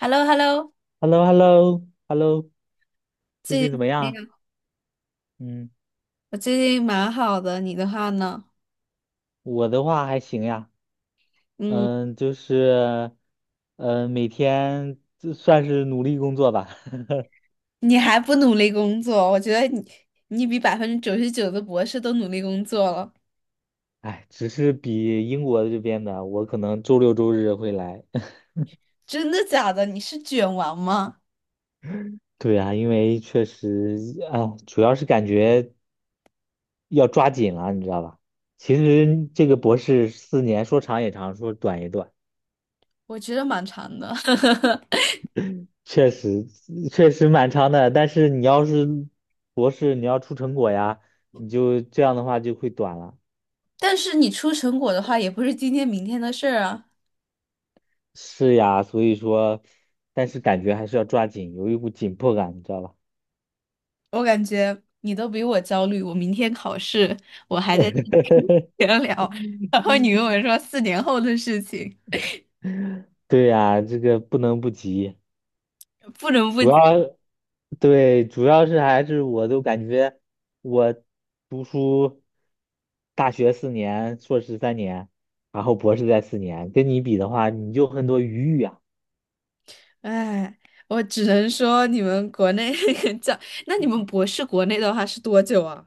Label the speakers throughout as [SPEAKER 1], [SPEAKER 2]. [SPEAKER 1] h e l l o h e l l o。
[SPEAKER 2] h e l l o h e l l o h e l l o 最
[SPEAKER 1] 最
[SPEAKER 2] 近怎
[SPEAKER 1] 近
[SPEAKER 2] 么
[SPEAKER 1] 那
[SPEAKER 2] 样？
[SPEAKER 1] 个，
[SPEAKER 2] 嗯，
[SPEAKER 1] 我最近蛮好的，你的话呢？
[SPEAKER 2] 我的话还行呀，
[SPEAKER 1] 嗯，
[SPEAKER 2] 嗯，就是，每天就算是努力工作吧，
[SPEAKER 1] 你还不努力工作？我觉得你，你比99%的博士都努力工作了。
[SPEAKER 2] 哎，只是比英国这边的，我可能周六周日会来。
[SPEAKER 1] 真的假的？你是卷王吗？
[SPEAKER 2] 对啊，因为确实啊，主要是感觉要抓紧了，你知道吧？其实这个博士四年说长也长，说短也短。
[SPEAKER 1] 我觉得蛮长的，
[SPEAKER 2] 确实蛮长的，但是你要是博士，你要出成果呀，你就这样的话就会短了。
[SPEAKER 1] 但是你出成果的话，也不是今天明天的事儿啊。
[SPEAKER 2] 是呀，所以说，但是感觉还是要抓紧，有一股紧迫感，你知道吧？
[SPEAKER 1] 我感觉你都比我焦虑，我明天考试，我还在 闲聊，然后你跟我说4年后的事情。
[SPEAKER 2] 对呀，这个不能不急，
[SPEAKER 1] 不能不。
[SPEAKER 2] 主要对，主要是还是我都感觉我读书，大学四年，硕士三年，然后博士在四年，跟你比的话，你就很多余裕啊。
[SPEAKER 1] 哎，我只能说你们国内 教，那你们博士国内的话是多久啊？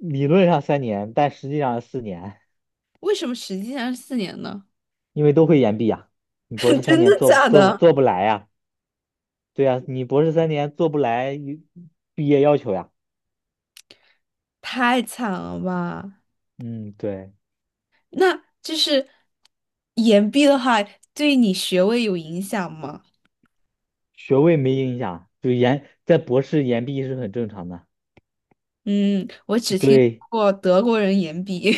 [SPEAKER 2] 理论上三年，但实际上是四年，
[SPEAKER 1] 为什么实际上是四年呢？
[SPEAKER 2] 因为都会延毕呀。你博 士三
[SPEAKER 1] 真
[SPEAKER 2] 年
[SPEAKER 1] 的
[SPEAKER 2] 做不
[SPEAKER 1] 假
[SPEAKER 2] 做
[SPEAKER 1] 的？
[SPEAKER 2] 做不来呀？对呀，你博士三年做不来一毕业要求呀。
[SPEAKER 1] 太惨了吧！
[SPEAKER 2] 嗯，对，
[SPEAKER 1] 那就是延毕的话，对你学位有影响吗？
[SPEAKER 2] 学位没影响，就延在博士延毕是很正常的。
[SPEAKER 1] 嗯，我只听
[SPEAKER 2] 对，
[SPEAKER 1] 过德国人延毕。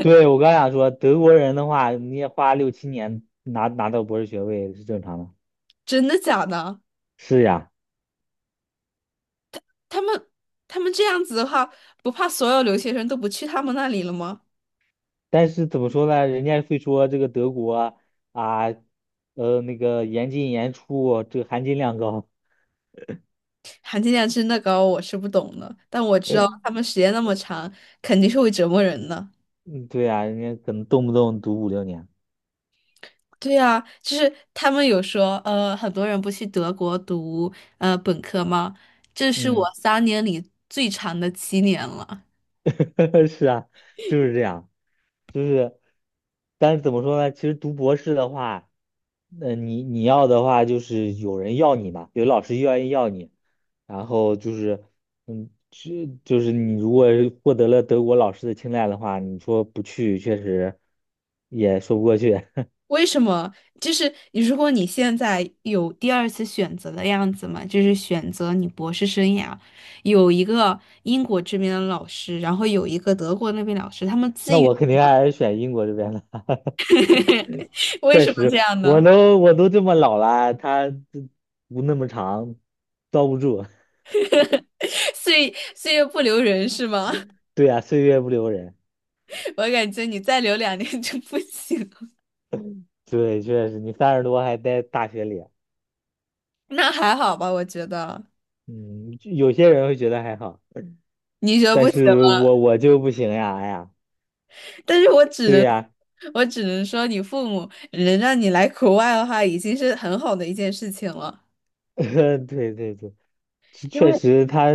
[SPEAKER 2] 对我刚想说，德国人的话，你也花6、7年拿到博士学位是正常的。
[SPEAKER 1] 真的假的？
[SPEAKER 2] 是呀，
[SPEAKER 1] 他们他们这样子的话，不怕所有留学生都不去他们那里了吗？
[SPEAKER 2] 但是怎么说呢？人家会说这个德国啊，那个严进严出，这个含金量高。
[SPEAKER 1] 含金量真的高，我是不懂的，但我知道他们时间那么长，肯定是会折磨人的。
[SPEAKER 2] 嗯，对呀，人家可能动不动读5、6年。
[SPEAKER 1] 对啊，就是他们有说，很多人不去德国读本科吗？这是
[SPEAKER 2] 嗯，
[SPEAKER 1] 我3年里最长的7年了。
[SPEAKER 2] 是啊，就是这样，就是，但是怎么说呢？其实读博士的话，那你要的话就是有人要你嘛，有老师愿意要你，然后就是，就是你如果是获得了德国老师的青睐的话，你说不去确实也说不过去。
[SPEAKER 1] 为什么？就是如果你现在有第二次选择的样子嘛，就是选择你博士生涯，有一个英国这边的老师，然后有一个德国那边老师，他们自
[SPEAKER 2] 那
[SPEAKER 1] 己。
[SPEAKER 2] 我肯定还是选英国这边的。
[SPEAKER 1] 为
[SPEAKER 2] 确
[SPEAKER 1] 什么这
[SPEAKER 2] 实，
[SPEAKER 1] 样
[SPEAKER 2] 我
[SPEAKER 1] 呢？
[SPEAKER 2] 都我都这么老了，他这不那么长，遭不住。
[SPEAKER 1] 岁月不留人是吗？
[SPEAKER 2] 对呀，岁月不留人。
[SPEAKER 1] 我感觉你再留2年就不行了。
[SPEAKER 2] 对，确实，你30多还在大学里，
[SPEAKER 1] 那还好吧，我觉得
[SPEAKER 2] 嗯，就有些人会觉得还好，
[SPEAKER 1] 你觉得不，
[SPEAKER 2] 但是我就不行呀，哎呀，
[SPEAKER 1] 但是我只
[SPEAKER 2] 对
[SPEAKER 1] 能
[SPEAKER 2] 呀，
[SPEAKER 1] 我只能说，你父母能让你来国外的话，已经是很好的一件事情了。
[SPEAKER 2] 对对对，其
[SPEAKER 1] 因
[SPEAKER 2] 确
[SPEAKER 1] 为，
[SPEAKER 2] 实他，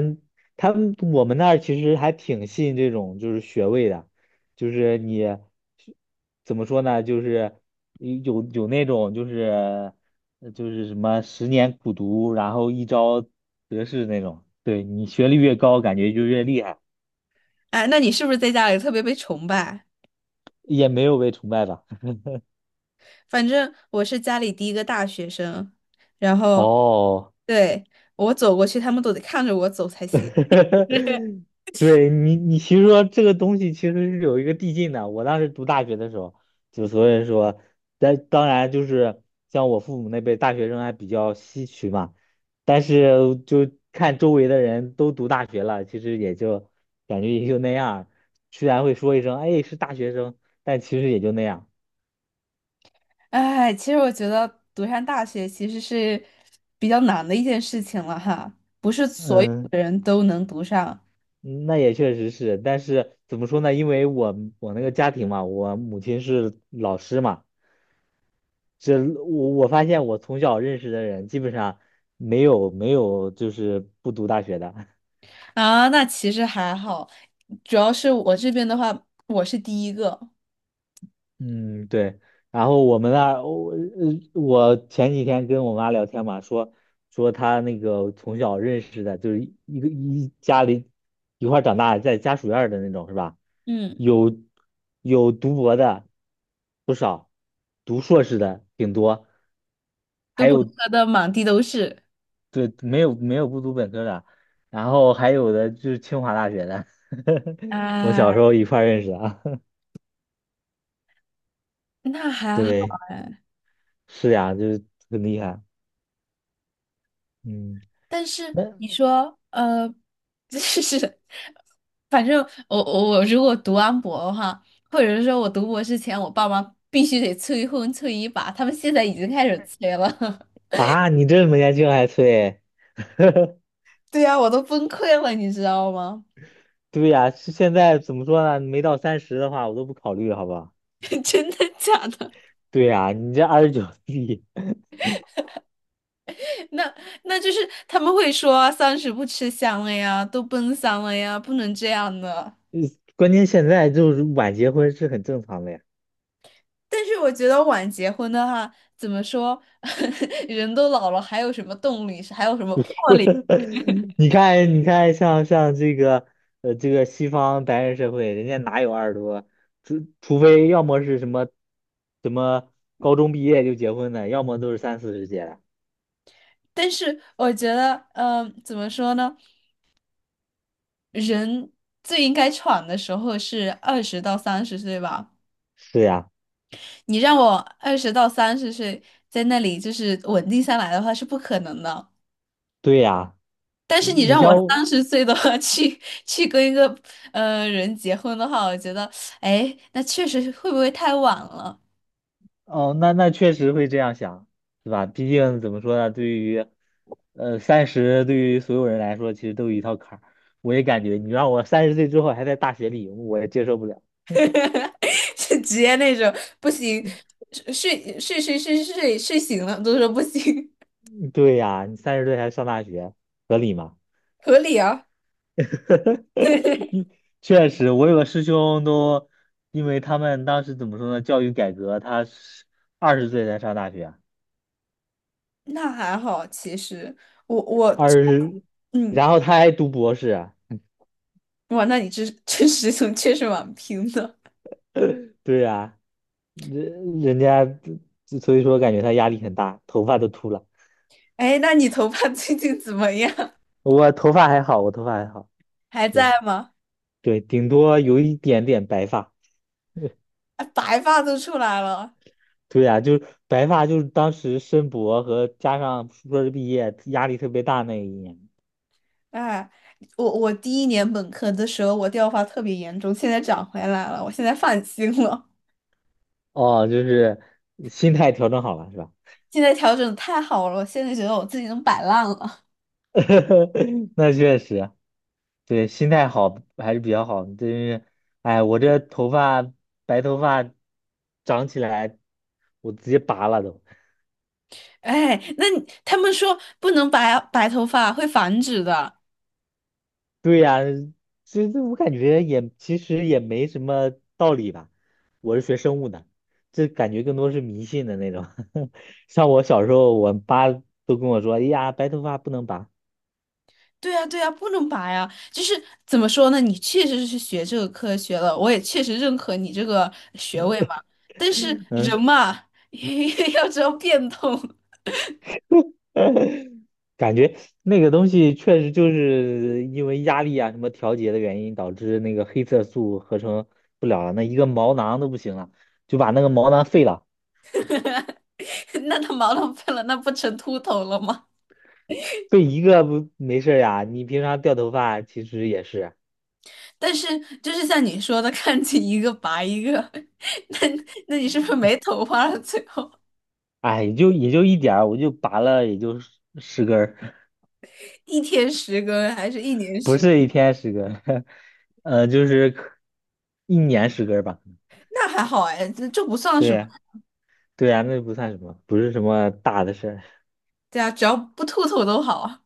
[SPEAKER 2] 他们我们那儿其实还挺信这种就是学位的，就是你怎么说呢，就是有那种就是什么十年苦读，然后一朝得势那种。对你学历越高，感觉就越厉害，
[SPEAKER 1] 哎，那你是不是在家里特别被崇拜？
[SPEAKER 2] 也没有被崇拜吧。
[SPEAKER 1] 反正我是家里第一个大学生，然后
[SPEAKER 2] 哦，
[SPEAKER 1] 对，我走过去，他们都得看着我走才行。
[SPEAKER 2] 对你其实说这个东西其实是有一个递进的。我当时读大学的时候，就所以说，但当然就是像我父母那辈大学生还比较稀缺嘛，但是就看周围的人都读大学了，其实也就感觉也就那样儿。虽然会说一声"哎，是大学生"，但其实也就那样。
[SPEAKER 1] 哎，其实我觉得读上大学其实是比较难的一件事情了哈，不是所有
[SPEAKER 2] 嗯，
[SPEAKER 1] 的人都能读上
[SPEAKER 2] 那也确实是，但是怎么说呢？因为我那个家庭嘛，我母亲是老师嘛。这我发现我从小认识的人基本上没有就是不读大学的，
[SPEAKER 1] 啊。那其实还好，主要是我这边的话，我是第一个，
[SPEAKER 2] 嗯对。然后我们那儿我前几天跟我妈聊天嘛，说她那个从小认识的，就是一家里一块儿长大，在家属院儿的那种是吧？
[SPEAKER 1] 嗯，
[SPEAKER 2] 有有读博的不少，读硕士的挺多，
[SPEAKER 1] 读本科的满地都是
[SPEAKER 2] 对，没有不读本科的，然后还有的就是清华大学的，我小
[SPEAKER 1] 啊，
[SPEAKER 2] 时候一块儿认识的啊。
[SPEAKER 1] 那还好
[SPEAKER 2] 对，
[SPEAKER 1] 哎。
[SPEAKER 2] 是呀，就是很厉害。嗯，
[SPEAKER 1] 但是
[SPEAKER 2] 那
[SPEAKER 1] 你说，就是 反正我如果读完博的话，或者是说我读博之前，我爸妈必须得催婚催一把，他们现在已经开始催了。
[SPEAKER 2] 啊，你这么年轻还催？
[SPEAKER 1] 对呀，我都崩溃了，你知道吗？
[SPEAKER 2] 对呀，是现在怎么说呢？没到三十的话，我都不考虑，好吧？
[SPEAKER 1] 真的假的？
[SPEAKER 2] 对呀，你这29 岁，
[SPEAKER 1] 那那就是他们会说啊三十不吃香了呀，都奔三了呀，不能这样的。
[SPEAKER 2] 关键现在就是晚结婚是很正常的呀。
[SPEAKER 1] 但是我觉得晚结婚的话，怎么说，人都老了，还有什么动力，还有什么魄力？
[SPEAKER 2] 你看，你看，像这个，这个西方白人社会，人家哪有20多？除非要么是什么，什么高中毕业就结婚的，要么都是三四十结的。
[SPEAKER 1] 但是我觉得，怎么说呢？人最应该闯的时候是二十到三十岁吧。
[SPEAKER 2] 是呀，
[SPEAKER 1] 你让我二十到三十岁在那里就是稳定下来的话是不可能的。
[SPEAKER 2] 对呀，
[SPEAKER 1] 但是你
[SPEAKER 2] 你
[SPEAKER 1] 让我
[SPEAKER 2] 像我
[SPEAKER 1] 三十岁的话 去跟一个人结婚的话，我觉得，哎，那确实会不会太晚了？
[SPEAKER 2] 哦，那确实会这样想，对吧？毕竟怎么说呢，对于，三十对于所有人来说，其实都有一套坎儿。我也感觉，你让我三十岁之后还在大学里，我也接受不了。
[SPEAKER 1] 就直接那种不行，睡睡醒了都说不行，
[SPEAKER 2] 对呀，你三十岁还上大学，合理吗？
[SPEAKER 1] 合理啊。
[SPEAKER 2] 确实，我有个师兄都，因为他们当时怎么说呢，教育改革，他是20岁才上大学，
[SPEAKER 1] 那还好，其实我我
[SPEAKER 2] 二十，
[SPEAKER 1] 嗯，
[SPEAKER 2] 然后他还读博士啊，
[SPEAKER 1] 哇，那你这这实从确实蛮拼的。
[SPEAKER 2] 对呀、人家所以说感觉他压力很大，头发都秃了。
[SPEAKER 1] 哎，那你头发 最近怎么样？
[SPEAKER 2] 我头发还好，我头发还好，
[SPEAKER 1] 还
[SPEAKER 2] 对
[SPEAKER 1] 在吗？
[SPEAKER 2] 对，顶多有一点点白发。
[SPEAKER 1] 哎，白发都出来了。
[SPEAKER 2] 对呀、就是白发，就是当时申博和加上硕士毕业压力特别大那一年。
[SPEAKER 1] 哎，我第一年本科的时候，我掉发特别严重，现在长回来了，我现在放心了。
[SPEAKER 2] 哦，就是心态调整好了是吧？
[SPEAKER 1] 现在调整得太好了，我现在觉得我自己能摆烂了。
[SPEAKER 2] 那确实，对，心态好还是比较好。就是，哎，我这头发白头发长起来，我直接拔了都。
[SPEAKER 1] 哎，那你他们说不能白头发会繁殖的，
[SPEAKER 2] 对呀，其实我感觉也其实也没什么道理吧。我是学生物的，这感觉更多是迷信的那种。像我小时候，我爸都跟我说："哎呀，白头发不能拔。"
[SPEAKER 1] 对呀，对呀，不能拔呀！就是怎么说呢？你确实是学这个科学了，我也确实认可你这个学位嘛。但是
[SPEAKER 2] 嗯。
[SPEAKER 1] 人嘛，要知道变通，
[SPEAKER 2] 感觉那个东西确实就是因为压力啊什么调节的原因，导致那个黑色素合成不了了，那一个毛囊都不行了，就把那个毛囊废了，
[SPEAKER 1] 那他毛囊废了，那不成秃头了吗？
[SPEAKER 2] 废一个不没事儿呀。你平常掉头发其实也是，
[SPEAKER 1] 但是就是像你说的，看见一个拔一个，那那你是不是没头发了？最后
[SPEAKER 2] 哎，也就一点儿，我就拔了也就十根儿
[SPEAKER 1] 一天10根还是一年
[SPEAKER 2] 不
[SPEAKER 1] 十？
[SPEAKER 2] 是一天10根儿，就是一年十根儿吧。
[SPEAKER 1] 那还好哎，这不算
[SPEAKER 2] 对
[SPEAKER 1] 什么。
[SPEAKER 2] 呀，对呀，那不算什么，不是什么大的事儿。
[SPEAKER 1] 对啊，只要不秃头都好啊。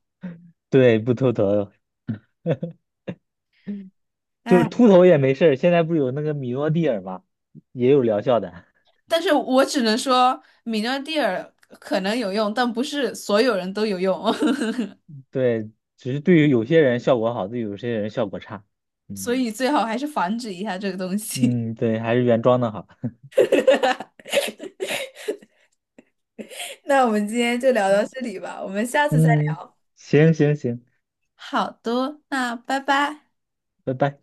[SPEAKER 2] 对，不秃头。就是
[SPEAKER 1] 哎。
[SPEAKER 2] 秃头也没事儿，现在不是有那个米诺地尔吗？也有疗效的，
[SPEAKER 1] 但是我只能说，米诺地尔可能有用，但不是所有人都有用，
[SPEAKER 2] 对，只是对于有些人效果好，对于有些人效果差。
[SPEAKER 1] 所
[SPEAKER 2] 嗯
[SPEAKER 1] 以最好还是防止一下这个东西。
[SPEAKER 2] 嗯，对，还是原装的好。
[SPEAKER 1] 那我们今天就聊到这 里吧，我们下次再
[SPEAKER 2] 嗯，
[SPEAKER 1] 聊。
[SPEAKER 2] 行行行，
[SPEAKER 1] 好的，那拜拜。
[SPEAKER 2] 拜拜。